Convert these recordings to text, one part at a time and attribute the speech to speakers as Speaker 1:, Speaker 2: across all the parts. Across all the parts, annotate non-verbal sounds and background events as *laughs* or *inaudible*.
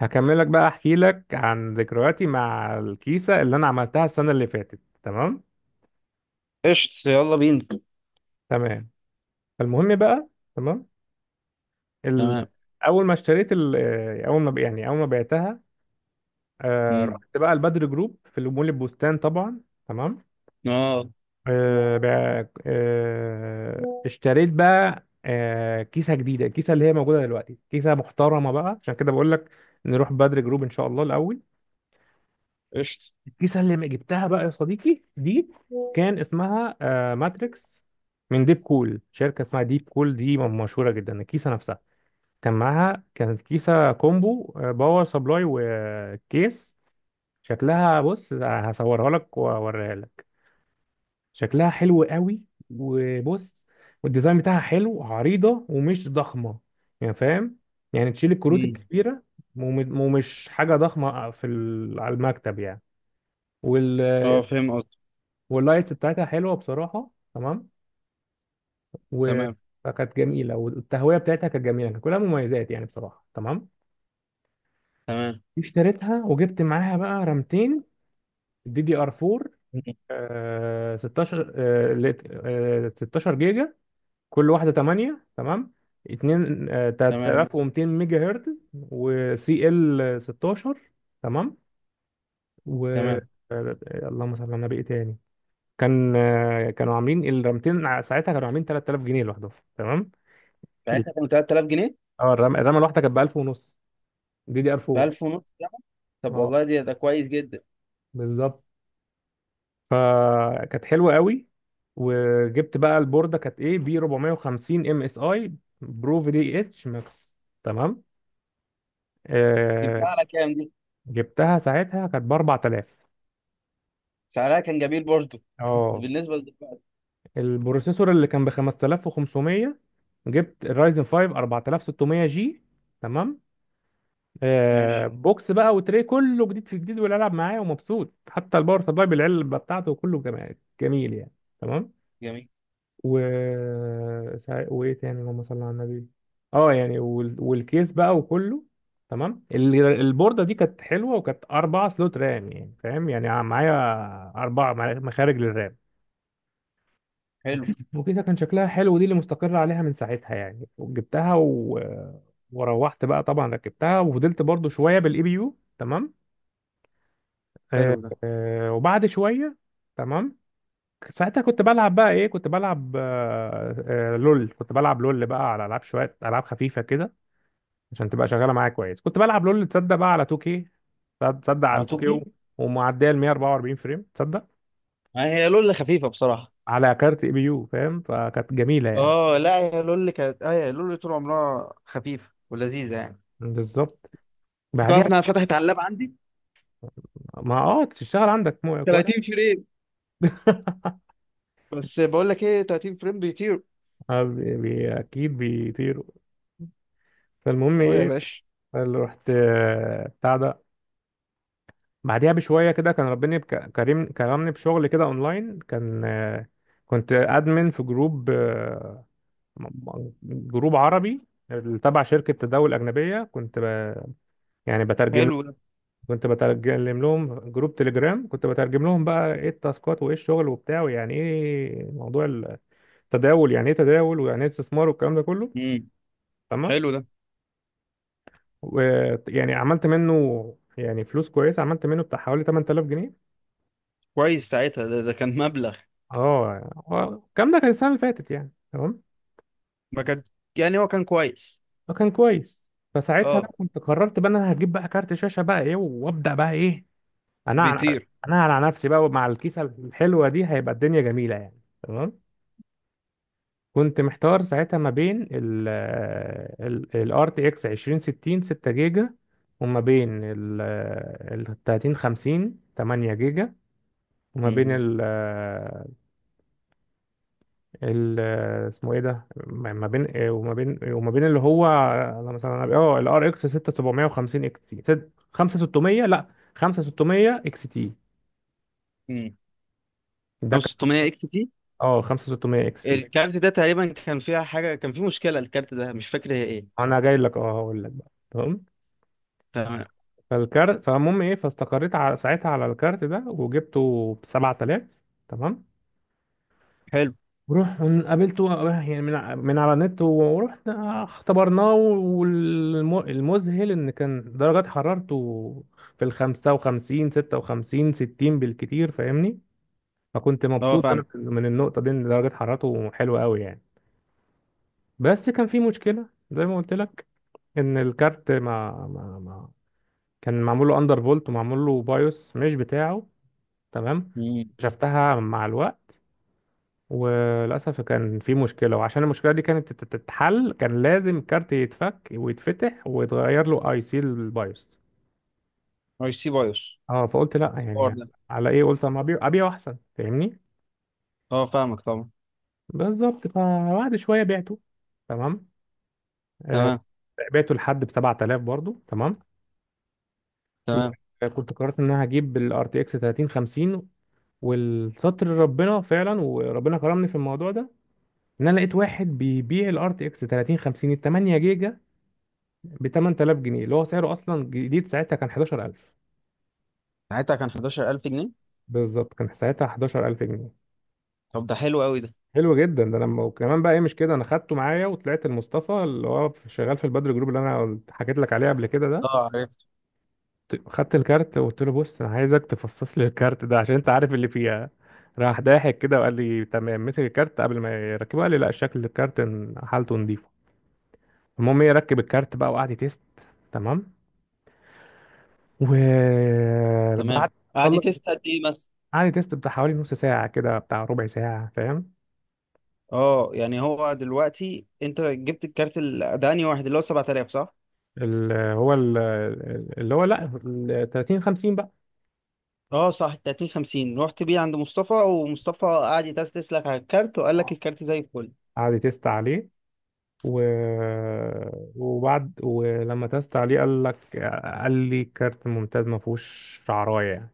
Speaker 1: هكملك بقى احكي لك عن ذكرياتي مع الكيسة اللي انا عملتها السنة اللي فاتت. تمام،
Speaker 2: قشط، يلا بينا.
Speaker 1: تمام. فالمهم بقى، تمام. ال...
Speaker 2: تمام.
Speaker 1: اول ما اشتريت ال... آه، اول ما اول ما بعتها.
Speaker 2: مم.
Speaker 1: رحت بقى البدر جروب في مول البستان طبعا، تمام.
Speaker 2: اه،
Speaker 1: اشتريت بقى كيسة جديدة، الكيسة اللي هي موجودة دلوقتي، كيسة محترمة بقى عشان كده بقول لك نروح بدر جروب ان شاء الله الاول.
Speaker 2: قشط.
Speaker 1: الكيسة اللي جبتها بقى يا صديقي دي كان اسمها ماتريكس من ديب كول، شركة اسمها ديب كول دي مشهورة جدا. الكيسة نفسها كان معاها، كانت كيسة كومبو، باور سبلاي وكيس. شكلها، بص هصورها لك واوريها لك، شكلها حلو قوي. وبص، والديزاين بتاعها حلو، عريضة ومش ضخمة يعني، فاهم؟ يعني تشيل الكروت
Speaker 2: مم.
Speaker 1: الكبيرة ومش حاجة ضخمة على المكتب يعني. وال
Speaker 2: اه، فاهم قصدي.
Speaker 1: واللايتس بتاعتها حلوه بصراحه، تمام. و...
Speaker 2: تمام،
Speaker 1: فكانت جميله، والتهويه بتاعتها كانت جميله، كان كلها مميزات يعني بصراحه، تمام.
Speaker 2: تمام.
Speaker 1: اشتريتها وجبت معاها بقى رامتين دي دي ار 4،
Speaker 2: مم.
Speaker 1: آه 16 16 جيجا، كل واحده 8، تمام. 2 آه
Speaker 2: تمام،
Speaker 1: 3200 ميجا هرتز وسي ال 16، تمام. و
Speaker 2: تمام.
Speaker 1: آه، اللهم صل على النبي، إيه تاني؟ كان آه، كانوا عاملين الرامتين ساعتها كانوا عاملين 3000 جنيه لوحدهم، تمام.
Speaker 2: يعني انت كان 3000 جنيه؟
Speaker 1: اه، الرمى الواحده كانت ب 1000 ونص، دي دي ار
Speaker 2: ب
Speaker 1: 4.
Speaker 2: 1000 ونص جنيه؟ طب
Speaker 1: اه
Speaker 2: والله، ده كويس جدا.
Speaker 1: بالظبط، فكانت حلوه قوي. وجبت بقى البورده، كانت ايه، بي 450 ام اس اي برو في دي اتش ماكس، تمام.
Speaker 2: جبتها
Speaker 1: آه،
Speaker 2: على كام دي؟
Speaker 1: جبتها ساعتها كانت ب 4000.
Speaker 2: سعرها كان جميل برضه *laughs*
Speaker 1: اه،
Speaker 2: بالنسبة لدلوقتي.
Speaker 1: البروسيسور اللي كان ب 5500، جبت الرايزن 5 4600 جي، تمام.
Speaker 2: ماشي.
Speaker 1: بوكس بقى، وتري كله جديد في جديد، والالعب معاه ومبسوط، حتى الباور سبلاي بالعلبه بتاعته كله جميل، جميل يعني، تمام.
Speaker 2: جميل.
Speaker 1: و وايه تاني، اللهم صل على النبي. اه يعني والكيس بقى وكله، تمام. البورده دي كانت حلوه، وكانت اربع سلوت رام، يعني فاهم يعني معايا، اربع مخارج للرام.
Speaker 2: حلو.
Speaker 1: وكيس، وكيسه كان شكلها حلو، دي اللي مستقر عليها من ساعتها يعني. وجبتها. وروحت بقى طبعا ركبتها، وفضلت برضو شويه بالاي بي يو، تمام. آه،
Speaker 2: حلو ده.
Speaker 1: وبعد شويه تمام، ساعتها كنت بلعب بقى ايه، كنت بلعب لول. كنت بلعب لول بقى، على العاب شويه، العاب خفيفه كده، عشان تبقى شغاله معايا كويس. كنت بلعب لول تصدق بقى على 2K، تصدق
Speaker 2: على
Speaker 1: على 2K،
Speaker 2: توكي.
Speaker 1: ومعديه ال 144 فريم تصدق،
Speaker 2: هي لولة خفيفة بصراحة.
Speaker 1: على كارت اي بي يو فاهم، فكانت جميله يعني.
Speaker 2: اه، لا، هي لول طول عمرها خفيفة ولذيذة، يعني.
Speaker 1: بالظبط.
Speaker 2: بتعرف
Speaker 1: بعديها،
Speaker 2: انها فتحت على اللاب عندي؟
Speaker 1: ما اه تشتغل عندك مو كويس.
Speaker 2: 30 فريم.
Speaker 1: *laughs*
Speaker 2: بس بقول لك ايه، 30 فريم بيطير.
Speaker 1: اكيد بيطيروا. فالمهم
Speaker 2: اه يا
Speaker 1: ايه،
Speaker 2: باشا.
Speaker 1: اللي رحت بتاع ده، بعديها بشويه كده كان ربنا كريم، كرمني بشغل كده اونلاين. كان آه، كنت ادمن في جروب آه، جروب عربي تبع شركه تداول اجنبيه. يعني بترجم،
Speaker 2: حلو ده.
Speaker 1: كنت بترجم لهم جروب تليجرام، كنت بترجم لهم بقى ايه التاسكات وايه الشغل وبتاع، ويعني ايه موضوع التداول، يعني ايه تداول، ويعني ايه استثمار والكلام ده كله،
Speaker 2: امم
Speaker 1: تمام.
Speaker 2: حلو ده.
Speaker 1: ويعني عملت منه يعني فلوس كويسه، عملت منه بتاع حوالي 8000 جنيه.
Speaker 2: كويس ساعتها ده كان مبلغ.
Speaker 1: اه هو الكلام ده كان السنه اللي فاتت يعني، تمام،
Speaker 2: ما كان، يعني هو كان كويس.
Speaker 1: فكان كويس. فساعتها بقى
Speaker 2: اه،
Speaker 1: كنت قررت بقى ان انا هجيب بقى كارت شاشه بقى ايه، وابدا بقى ايه انا،
Speaker 2: بيطير.
Speaker 1: انا على نفسي بقى. مع الكيسه الحلوه دي هيبقى الدنيا جميله يعني، تمام. كنت محتار ساعتها ما بين ال RTX 2060 6 جيجا، وما بين ال 3050 8 جيجا، وما
Speaker 2: امم
Speaker 1: بين ال ال- اسمه ايه ده، ما ما بين إيه وما بين إيه، وما بين اللي هو انا مثلا الار اكس 6750 اكس تي، 5600 لا، 5600 اكس تي.
Speaker 2: امم
Speaker 1: ده كان
Speaker 2: 5600 اكس تي
Speaker 1: اه 5600 اكس تي.
Speaker 2: الكارت ده، تقريبا كان فيها حاجه، كان فيه مشكله الكارت ده، مش فاكر هي ايه.
Speaker 1: انا جاي لك، اه هقول لك بقى، تمام.
Speaker 2: تمام.
Speaker 1: فالمهم ايه، فاستقريت على ساعتها على الكارت ده وجبته ب 7000، تمام.
Speaker 2: حلو.
Speaker 1: وروح، قابلته يعني من، من على النت، ورحنا اختبرناه. والمذهل ان كان درجات حرارته في ال 55، 56، 60 بالكتير فاهمني، فكنت
Speaker 2: اه،
Speaker 1: مبسوط انا
Speaker 2: فاهمك.
Speaker 1: من النقطة دي، ان درجات حرارته حلوة قوي يعني. بس كان في مشكلة زي ما قلت لك، ان الكارت ما كان معمول له اندر فولت ومعمول له بايوس مش بتاعه، تمام.
Speaker 2: امم
Speaker 1: شفتها مع الوقت، وللأسف كان في مشكلة، وعشان المشكلة دي كانت تتحل كان لازم كارت يتفك ويتفتح ويتغير له اي سي البايوس.
Speaker 2: اي سي بايوس
Speaker 1: اه فقلت لا
Speaker 2: الحوار
Speaker 1: يعني،
Speaker 2: ده.
Speaker 1: على ايه، قلت اما ابيع ابيع احسن فاهمني.
Speaker 2: اه، فاهمك طبعا.
Speaker 1: بالظبط، فبعد شوية بعته، تمام. آه،
Speaker 2: تمام.
Speaker 1: بعته لحد ب 7000 برضو، تمام.
Speaker 2: تمام.
Speaker 1: وكنت قررت ان انا هجيب الار تي اكس 3050، والستر ربنا فعلا وربنا كرمني في الموضوع ده، ان انا لقيت واحد بيبيع الار تي اكس 3050 ال 8 جيجا ب 8000 جنيه، اللي هو سعره اصلا جديد ساعتها كان 11000.
Speaker 2: ساعتها كان 11000 جنيه؟
Speaker 1: بالظبط كان ساعتها 11000 جنيه.
Speaker 2: طب ده حلو قوي ده.
Speaker 1: حلو جدا ده، انا وكمان بقى ايه مش كده، انا خدته معايا وطلعت المصطفى اللي هو شغال في البدر جروب، اللي انا حكيت لك عليه قبل كده ده.
Speaker 2: اه، عرفت.
Speaker 1: خدت الكارت وقلت له بص انا عايزك تفصص لي الكارت ده عشان انت عارف اللي فيها. راح ضاحك كده وقال لي تمام، مسك الكارت قبل ما يركبه قال لي لا، شكل الكارت حالته نظيفه. المهم ايه، ركب الكارت بقى وقعد يتست، تمام. وبعد،
Speaker 2: تمام، قعد يتست قد ايه؟
Speaker 1: عادي، تيست بتاع حوالي نص ساعة كده، بتاع ربع ساعة فاهم.
Speaker 2: اه، يعني هو دلوقتي انت جبت الكارت ده، انهي واحد، اللي هو 7000، صح؟
Speaker 1: اللي هو ال- اللي هو لا ال 30 50 بقى.
Speaker 2: اه صح، 30 50 رحت بيه عند مصطفى، ومصطفى قعد يتستس لك على الكارت وقال لك
Speaker 1: اه
Speaker 2: الكارت زي الفل.
Speaker 1: عادي تيست عليه، و... وبعد، ولما تيست عليه قال لك، قال لي كارت ممتاز ما فيهوش شعرايه يعني،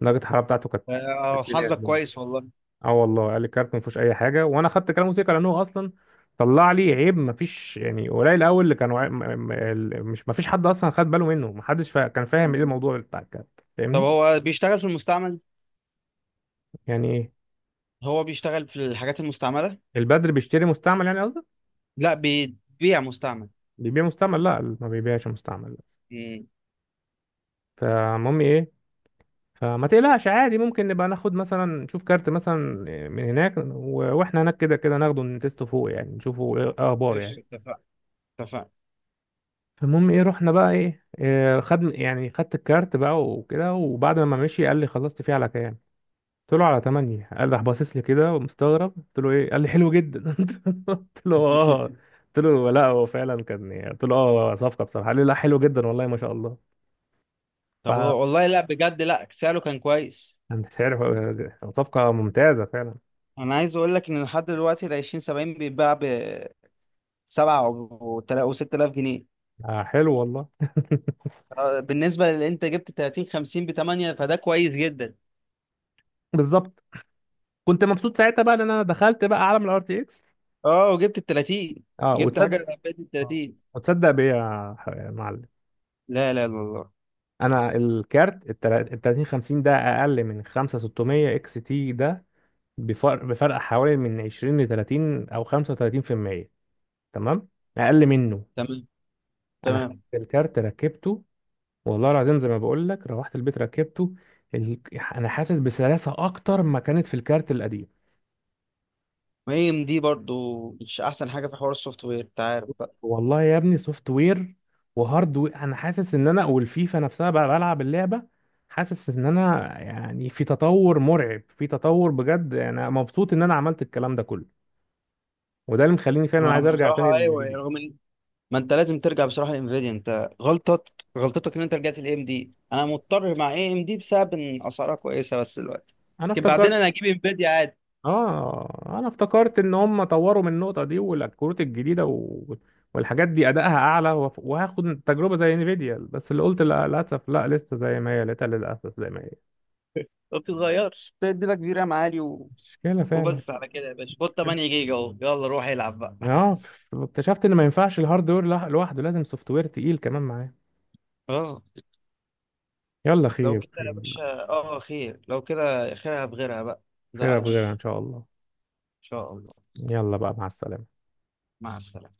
Speaker 1: درجة الحرارة بتاعته كانت
Speaker 2: آه،
Speaker 1: 60
Speaker 2: حظك
Speaker 1: يعني.
Speaker 2: كويس والله.
Speaker 1: اه والله، قال لي كارت ما فيهوش اي حاجة، وانا خدت كلامه سيكا لانه اصلا طلع لي عيب ما فيش يعني. قليل قوي اللي كانوا مش، ما فيش حد اصلا خد باله منه، ما حدش كان فاهم ايه الموضوع بتاع الكارت
Speaker 2: طب
Speaker 1: فاهمني.
Speaker 2: هو بيشتغل في المستعمل؟
Speaker 1: يعني ايه،
Speaker 2: هو بيشتغل في الحاجات المستعملة؟
Speaker 1: البدر بيشتري مستعمل يعني قصدك؟
Speaker 2: لا، بيبيع مستعمل.
Speaker 1: بيبيع مستعمل، لا ما بيبيعش مستعمل.
Speaker 2: امم.
Speaker 1: فالمهم ايه، فما تقلقش، عادي ممكن نبقى ناخد مثلا، نشوف كارت مثلا من هناك واحنا هناك كده كده، ناخده نتسته فوق يعني، نشوفه ايه اخبار
Speaker 2: قشطة،
Speaker 1: يعني.
Speaker 2: اتفقنا. اتفقنا.
Speaker 1: فالمهم ايه، رحنا بقى ايه، إيه، خد يعني خدت الكارت بقى وكده، وبعد ما مشي قال لي خلصت فيه على كام، قلت له على 8، قال راح باصص لي كده ومستغرب. قلت له ايه، قال لي حلو جدا. *laughs* قلت له اه،
Speaker 2: *laughs*
Speaker 1: قلت له لا هو فعلا كان يعني، قلت له اه صفقه بصراحه، قال لي لا حلو جدا والله ما شاء الله.
Speaker 2: طب
Speaker 1: فانا
Speaker 2: والله، لا بجد، لا سعره كان كويس.
Speaker 1: مش عارف، صفقه ممتازه فعلا.
Speaker 2: انا عايز اقول لك ان لحد دلوقتي ال 20 70 بيتباع ب 7 و 6000 جنيه.
Speaker 1: آه حلو والله.
Speaker 2: آه، بالنسبه لان انت جبت 30 50 ب 8، فده كويس جدا.
Speaker 1: *laughs* بالظبط. كنت مبسوط ساعتها بقى ان انا دخلت بقى عالم الار تي اكس.
Speaker 2: اه، وجبت ال 30.
Speaker 1: اه
Speaker 2: جبت حاجه
Speaker 1: وتصدق،
Speaker 2: فاتت ال
Speaker 1: اه
Speaker 2: 30.
Speaker 1: وتصدق بيا يا يا معلم،
Speaker 2: لا لا لا، الله.
Speaker 1: انا الكارت ال 30 50 ده اقل من 5600 اكس تي ده، بفرق حوالي من 20 ل 30 او 35%، تمام، اقل منه.
Speaker 2: تمام.
Speaker 1: انا خدت
Speaker 2: تمام.
Speaker 1: الكارت ركبته، والله العظيم زي ما بقول لك روحت البيت ركبته. ال... انا حاسس بسلاسه اكتر ما كانت في الكارت القديم.
Speaker 2: ما هي ام دي برضو مش احسن حاجه في حوار السوفت وير، انت عارف بقى.
Speaker 1: والله يا ابني سوفت وير وهارد وير، انا حاسس ان انا والفيفا نفسها بقى بلعب اللعبه، حاسس ان انا يعني في تطور مرعب، في تطور بجد، انا مبسوط ان انا عملت الكلام ده كله، وده اللي مخليني فعلا
Speaker 2: ما
Speaker 1: عايز ارجع تاني
Speaker 2: بصراحه ايوه،
Speaker 1: للفيديو.
Speaker 2: رغم ان ما انت لازم ترجع بصراحه لانفيديا. انت غلطت، غلطتك ان انت رجعت لاي ام دي. انا مضطر مع اي ام دي بسبب ان اسعارها كويسه بس دلوقتي.
Speaker 1: انا
Speaker 2: لكن بعدين
Speaker 1: افتكرت،
Speaker 2: انا هجيب انفيديا عادي.
Speaker 1: اه انا افتكرت ان هم طوروا من النقطه دي والكروت الجديده والحاجات دي ادائها اعلى، وهاخد تجربه زي انفيديا، بس اللي قلت لا للاسف، لا لسه زي ما هي، لقيتها للاسف زي ما هي.
Speaker 2: ما بتتغيرش، بتدي لك في رام عالي و.
Speaker 1: مشكله فعلا،
Speaker 2: وبس على كده يا باشا، خد
Speaker 1: مشكلة.
Speaker 2: 8 جيجا اهو، يلا روح العب بقى.
Speaker 1: اه، اكتشفت ان ما ينفعش الهاردوير لوحده، لازم سوفت وير تقيل كمان معاه.
Speaker 2: اه،
Speaker 1: يلا،
Speaker 2: لو
Speaker 1: خير
Speaker 2: كده يا
Speaker 1: خير،
Speaker 2: باشا، خير، لو كده خيرها بغيرها بقى.
Speaker 1: خير في غيرها ان
Speaker 2: متزعلش.
Speaker 1: شاء الله.
Speaker 2: ان شاء الله.
Speaker 1: يلا بقى، مع السلامه.
Speaker 2: مع السلامة.